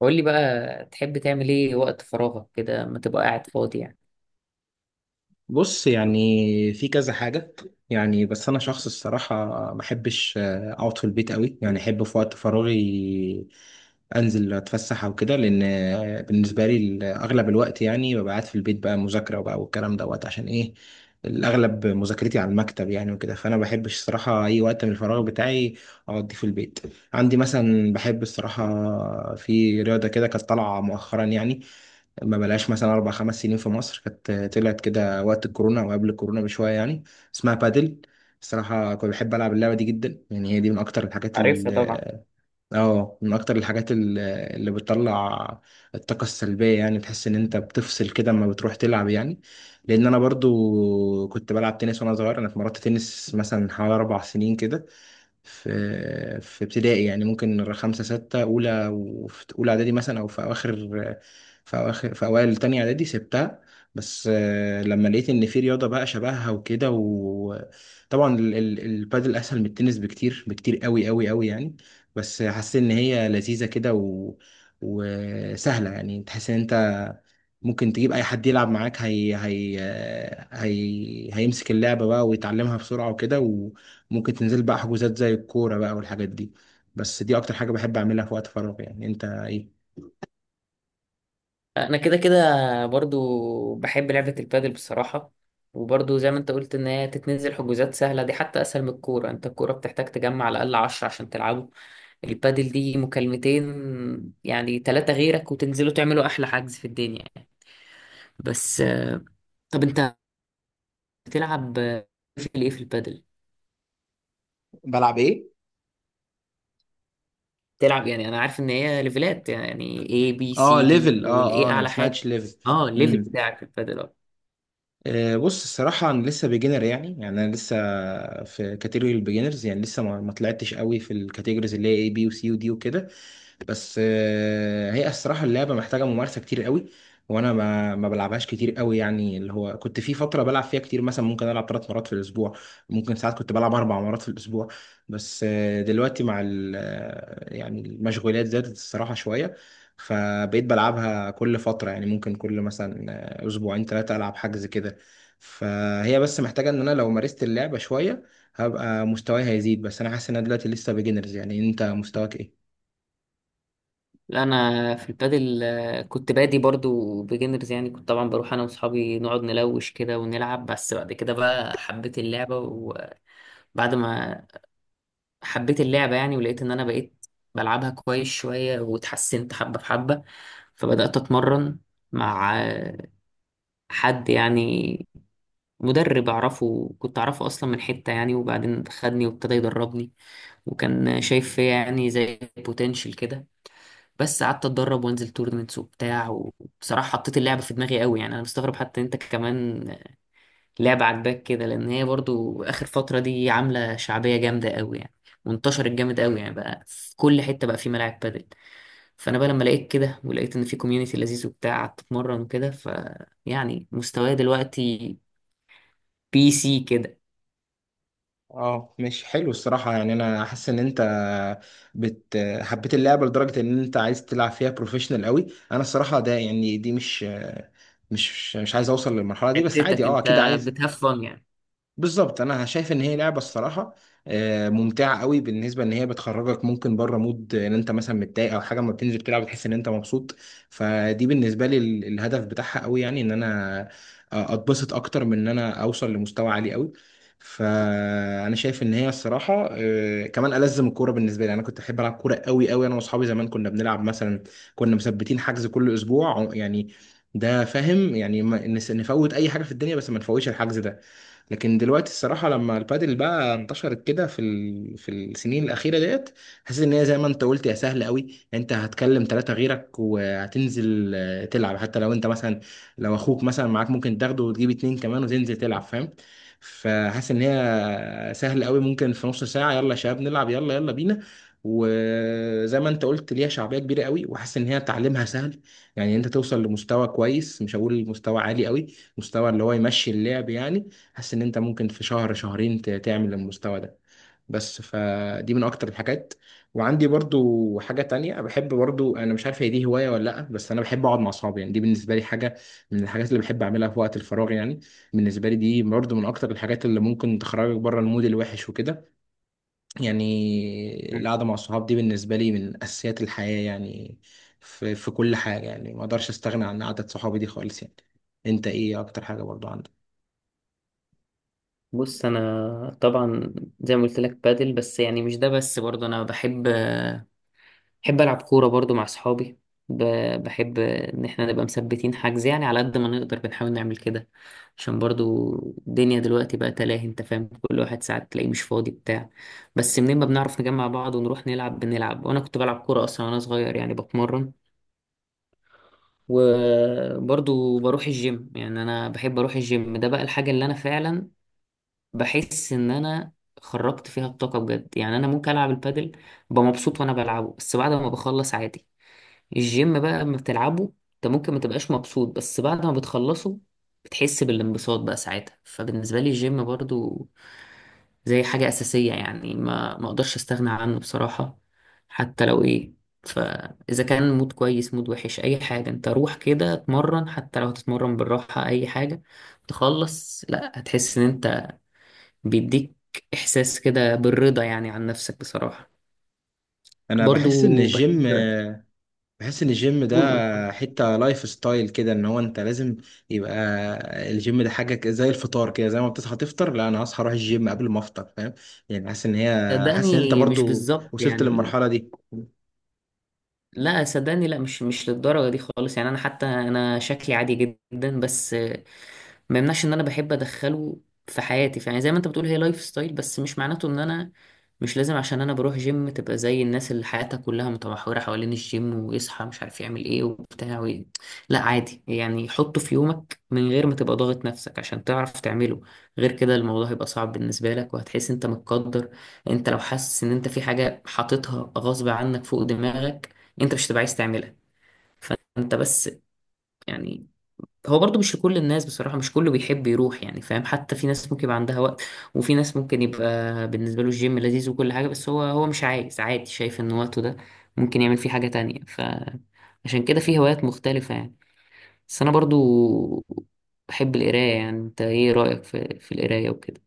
قول لي بقى تحب تعمل ايه وقت فراغك كده ما تبقى قاعد فاضي يعني؟ بص، يعني في كذا حاجة. يعني بس أنا شخص الصراحة ما أحبش أقعد في البيت قوي. يعني أحب في وقت فراغي أنزل أتفسح أو كده، لأن بالنسبة لي أغلب الوقت يعني ببقى قاعد في البيت بقى مذاكرة، وبقى والكلام دوت عشان إيه. الأغلب مذاكرتي على المكتب يعني وكده، فأنا ما بحبش الصراحة أي وقت من الفراغ بتاعي أقضيه في البيت. عندي مثلا بحب الصراحة في رياضة كده، كانت طالعة مؤخرا يعني، ما بلاش مثلا 4 5 سنين، في مصر كانت طلعت كده وقت الكورونا او قبل الكورونا بشويه يعني، اسمها بادل. الصراحه كنت بحب العب اللعبه دي جدا، يعني هي دي من اكتر الحاجات ال عارفها طبعا. اه آه، من اكتر الحاجات اللي بتطلع الطاقه السلبيه. يعني تحس ان انت بتفصل كده اما بتروح تلعب يعني. لان انا برضو كنت بلعب تنس وانا صغير، انا اتمرنت تنس مثلا حوالي 4 سنين كده. في ابتدائي يعني، ممكن خمسة ستة أولى وفي أولى إعدادي مثلا، أو في أوائل تانية إعدادي سبتها. بس لما لقيت إن في رياضة بقى شبهها وكده، وطبعا البادل أسهل من التنس بكتير بكتير أوي أوي أوي يعني. بس حسيت إن هي لذيذة كده وسهلة. يعني تحس إن أنت ممكن تجيب أي حد يلعب معاك، هيمسك اللعبة بقى ويتعلمها بسرعة وكده. ممكن تنزل بقى حجوزات زي الكورة بقى والحاجات دي. بس دي اكتر حاجة بحب اعملها في وقت فراغي، يعني انت ايه؟ انا كده كده برضو بحب لعبة البادل بصراحة، وبرضو زي ما انت قلت ان هي تتنزل حجوزات سهلة، دي حتى اسهل من الكورة. انت الكورة بتحتاج تجمع على الاقل 10 عشان تلعبوا. البادل دي مكالمتين، يعني ثلاثة غيرك وتنزلوا تعملوا احلى حجز في الدنيا يعني. بس طب انت بتلعب في ايه، في البادل؟ بلعب ايه؟ تلعب يعني، انا عارف ان هي ليفلات، يعني A B اه، C D ليفل. اه والاي انا ما اعلى حاجه. سمعتش ليفل. اه الليفل امم بتاعك في البادل اه؟ بص، الصراحه انا لسه بيجنر، يعني انا لسه في كاتيجوري البيجنرز، يعني لسه ما طلعتش قوي في الكاتيجوريز اللي هي اي بي وسي ودي وكده. بس هي الصراحه اللعبه محتاجه ممارسه كتير قوي، وانا ما بلعبهاش كتير قوي. يعني اللي هو كنت في فتره بلعب فيها كتير، مثلا ممكن العب 3 مرات في الاسبوع، ممكن ساعات كنت بلعب 4 مرات في الاسبوع. بس دلوقتي مع يعني المشغولات زادت الصراحه شويه، فبقيت بلعبها كل فتره. يعني ممكن كل مثلا اسبوعين ثلاثه العب حجز كده. فهي بس محتاجه ان انا لو مارست اللعبه شويه هبقى مستواي هيزيد، بس انا حاسس ان انا دلوقتي لسه بيجنرز. يعني انت مستواك ايه؟ لا انا في البادل كنت بادي برضو بيجنرز يعني. كنت طبعا بروح انا واصحابي نقعد نلوش كده ونلعب، بس بعد كده بقى حبيت اللعبه، وبعد ما حبيت اللعبه يعني، ولقيت ان انا بقيت بلعبها كويس شويه واتحسنت حبه بحبه، فبدات اتمرن مع حد يعني، مدرب اعرفه، كنت اعرفه اصلا من حتة يعني، وبعدين خدني وابتدى يدربني، وكان شايف فيا يعني زي بوتنشال كده. بس قعدت اتدرب وانزل تورنمنتس وبتاع، وبصراحة حطيت اللعبة في دماغي قوي. يعني انا مستغرب حتى انت كمان لعبة عاجباك كده، لان هي برضو اخر فترة دي عاملة شعبية جامدة قوي يعني، وانتشرت جامد قوي يعني، بقى في كل حتة بقى في ملاعب بادل. فانا بقى لما لقيت كده، ولقيت ان في كوميونتي لذيذ وبتاع، قعدت اتمرن وكده. ف يعني مستواي دلوقتي BC كده. اه مش حلو الصراحة. يعني انا حاسس ان انت حبيت اللعبة لدرجة ان انت عايز تلعب فيها بروفيشنال قوي. انا الصراحة ده، يعني دي مش عايز اوصل للمرحلة دي. بس عادي حتتك اه انت اكيد عايز. بتهفن يعني. بالظبط. انا شايف ان هي لعبه الصراحه ممتعه قوي، بالنسبه ان هي بتخرجك ممكن بره مود، ان انت مثلا متضايق او حاجه، ما بتنزل تلعب بتحس ان انت مبسوط. فدي بالنسبه لي الهدف بتاعها قوي، يعني ان انا اتبسط اكتر من ان انا اوصل لمستوى عالي قوي. فانا شايف ان هي الصراحه كمان الزم الكوره. بالنسبه لي انا كنت احب العب كوره قوي قوي، انا واصحابي زمان كنا بنلعب مثلا، كنا مثبتين حجز كل اسبوع يعني. ده فاهم، يعني نفوت اي حاجه في الدنيا بس ما نفوتش الحجز ده. لكن دلوقتي الصراحه لما البادل بقى انتشرت كده في السنين الاخيره ديت، حسيت ان هي زي ما انت قلت يا سهله قوي. انت هتكلم ثلاثه غيرك وهتنزل تلعب. حتى لو انت مثلا لو اخوك مثلا معاك، ممكن تاخده وتجيب اتنين كمان وتنزل تلعب فاهم. فحاسس ان هي سهل قوي، ممكن في نص ساعه يلا يا شباب نلعب، يلا يلا بينا. وزي ما انت قلت ليها شعبيه كبيره قوي، وحاسس ان هي تعليمها سهل، يعني انت توصل لمستوى كويس، مش هقول مستوى عالي قوي، مستوى اللي هو يمشي اللعب يعني. حاسس ان انت ممكن في شهر شهرين تعمل المستوى ده. بس فدي من اكتر الحاجات. وعندي برضو حاجة تانية بحب، برضو انا مش عارف هي دي هواية ولا لا، بس انا بحب اقعد مع اصحابي. يعني دي بالنسبة لي حاجة من الحاجات اللي بحب اعملها في وقت الفراغ. يعني بالنسبة لي دي برضو من اكتر الحاجات اللي ممكن تخرجك بره المود الوحش وكده. يعني مم. القعدة مع الصحاب دي بالنسبة لي من اساسيات الحياة يعني، في كل حاجة يعني. ما اقدرش استغنى عن قعدة صحابي دي خالص يعني. انت ايه اكتر حاجة برضو عندك؟ بص انا طبعا، زي ما قلت لك بادل، بس يعني مش ده بس، برضه انا بحب، العب كوره برضه مع اصحابي. بحب ان احنا نبقى مثبتين حجز، يعني على قد ما نقدر بنحاول نعمل كده، عشان برضه الدنيا دلوقتي بقى تلاهي، انت فاهم، كل واحد ساعات تلاقيه مش فاضي بتاع. بس منين ما بنعرف نجمع بعض ونروح نلعب بنلعب، وانا كنت بلعب كوره اصلا وانا صغير يعني، بتمرن. وبرضه بروح الجيم، يعني انا بحب اروح الجيم. ده بقى الحاجه اللي انا فعلا بحس ان انا خرجت فيها الطاقه بجد. يعني انا ممكن العب البادل ببقى مبسوط وانا بلعبه، بس بعد ما بخلص عادي. الجيم بقى لما بتلعبه انت ممكن ما تبقاش مبسوط، بس بعد ما بتخلصه بتحس بالانبساط بقى ساعتها. فبالنسبه لي الجيم برضو زي حاجه اساسيه يعني، ما اقدرش استغنى عنه بصراحه. حتى لو ايه، فاذا كان مود كويس، مود وحش، اي حاجه، انت روح كده اتمرن. حتى لو هتتمرن بالراحه، اي حاجه تخلص، لا هتحس ان انت بيديك إحساس كده بالرضا يعني عن نفسك بصراحة. انا بحس ان برضو بحب، الجيم، بحس ان الجيم قول اتفضل. ده حتة لايف ستايل كده، ان هو انت لازم يبقى الجيم ده حاجة زي الفطار كده، زي ما بتصحى تفطر. لا، انا هصحى اروح الجيم قبل ما افطر فاهم. يعني حاسس ان هي، حاسس ان انت صدقني مش برضو بالظبط وصلت يعني. للمرحلة دي. لا صدقني، لا مش للدرجة دي خالص يعني. أنا حتى أنا شكلي عادي جدا، بس ما يمنعش إن أنا بحب أدخله في حياتي، فيعني زي ما أنت بتقول هي لايف ستايل، بس مش معناته إن أنا مش لازم. عشان أنا بروح جيم تبقى زي الناس اللي حياتها كلها متمحورة حوالين الجيم، ويصحى مش عارف يعمل إيه وبتاع وإيه. لا عادي يعني، حطه في يومك من غير ما تبقى ضاغط نفسك عشان تعرف تعمله. غير كده الموضوع هيبقى صعب بالنسبة لك، وهتحس أنت متقدر. أنت لو حاسس إن أنت في حاجة حاططها غصب عنك فوق دماغك، انت مش هتبقى عايز تعملها. فانت بس يعني، هو برضو مش لكل الناس بصراحة، مش كله بيحب يروح يعني، فاهم؟ حتى في ناس ممكن يبقى عندها وقت، وفي ناس ممكن يبقى بالنسبة له الجيم لذيذ وكل حاجة، بس هو مش عايز، عادي، شايف ان وقته ده ممكن يعمل فيه حاجة تانية، فعشان كده في هوايات مختلفة يعني. بس انا برضو بحب القراية، يعني انت ايه رأيك في القراية وكده؟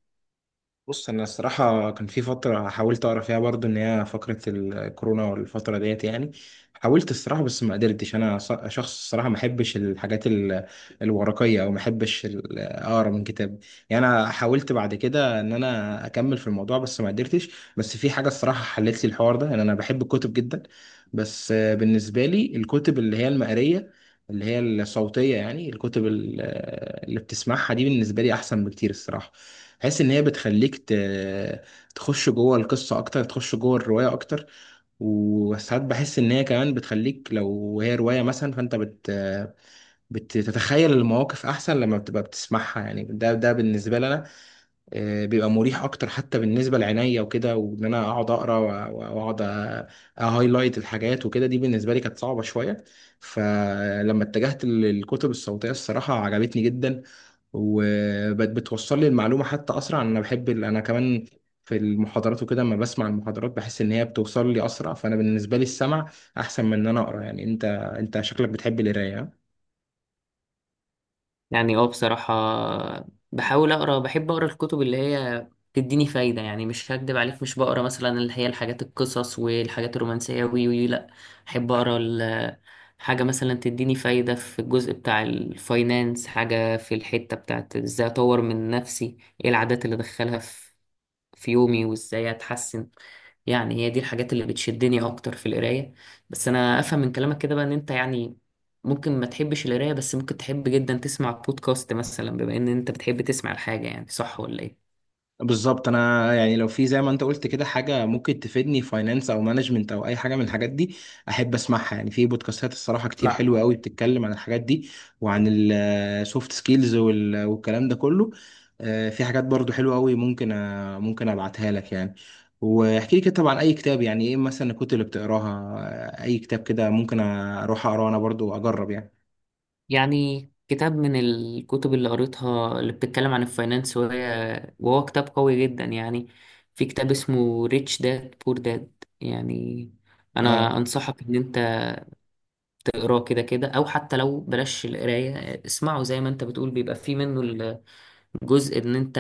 بص انا الصراحه كان في فتره حاولت اقرا فيها برضو، ان هي فقره الكورونا والفتره ديت يعني. حاولت الصراحه بس ما قدرتش. انا شخص الصراحه ما احبش الحاجات الورقيه، او ما احبش اقرا من كتاب يعني. انا حاولت بعد كده ان انا اكمل في الموضوع بس ما قدرتش. بس في حاجه الصراحه حلت لي الحوار ده، ان انا بحب الكتب جدا. بس بالنسبه لي الكتب اللي هي المقريه، اللي هي الصوتيه يعني، الكتب اللي بتسمعها دي بالنسبه لي احسن بكتير الصراحه. بحس ان هي بتخليك تخش جوه القصه اكتر، تخش جوه الروايه اكتر. وساعات بحس ان هي كمان بتخليك لو هي روايه مثلا، فانت بتتخيل المواقف احسن لما بتبقى بتسمعها. يعني ده بالنسبه لي انا بيبقى مريح اكتر، حتى بالنسبه لعينيا وكده، وان انا اقعد اقرا واقعد اهايلايت الحاجات وكده، دي بالنسبه لي كانت صعبه شويه. فلما اتجهت للكتب الصوتيه الصراحه عجبتني جدا. وبتوصل لي المعلومة حتى أسرع. أنا بحب أنا كمان في المحاضرات وكده، لما بسمع المحاضرات بحس إن هي بتوصل لي أسرع. فأنا بالنسبة لي السمع أحسن من إن أنا أقرأ. يعني أنت، أنت شكلك بتحب القراية، ها؟ يعني اه بصراحة، بحاول أقرأ، بحب أقرأ الكتب اللي هي تديني فايدة. يعني مش هكدب عليك، مش بقرأ مثلا اللي هي الحاجات القصص والحاجات الرومانسية، وي وي لأ. بحب أقرأ حاجة مثلا تديني فايدة في الجزء بتاع الفاينانس، حاجة في الحتة بتاعت إزاي أطور من نفسي، إيه العادات اللي أدخلها في يومي، وازاي اتحسن. يعني هي دي الحاجات اللي بتشدني اكتر في القرايه. بس انا افهم من كلامك كده بقى ان انت يعني ممكن ما تحبش القرايه، بس ممكن تحب جدا تسمع بودكاست مثلا، بما ان انت بتحب تسمع الحاجه، يعني صح ولا ايه؟ بالظبط. انا يعني لو في زي ما انت قلت كده حاجه ممكن تفيدني فاينانس او مانجمنت او اي حاجه من الحاجات دي، احب اسمعها. يعني في بودكاستات الصراحه كتير مع حلوه قوي، بتتكلم عن الحاجات دي وعن السوفت سكيلز والكلام ده كله. في حاجات برضو حلوه قوي، ممكن ممكن ابعتها لك يعني، واحكي لي كده طبعا اي كتاب. يعني ايه مثلا الكتب اللي بتقراها؟ اي كتاب كده ممكن اروح اقراه انا برضو اجرب يعني. يعني كتاب من الكتب اللي قريتها اللي بتتكلم عن الفاينانس، وهو كتاب قوي جدا يعني. في كتاب اسمه ريتش داد بور داد، يعني انا اه، انصحك ان انت اقراه كده كده، او حتى لو بلاش القرايه اسمعه، زي ما انت بتقول بيبقى فيه منه الجزء ان انت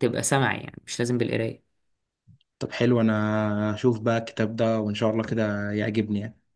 تبقى سمعي، يعني مش لازم بالقرايه. طب حلو. انا اشوف بقى الكتاب ده وان شاء الله كده يعجبني يعني.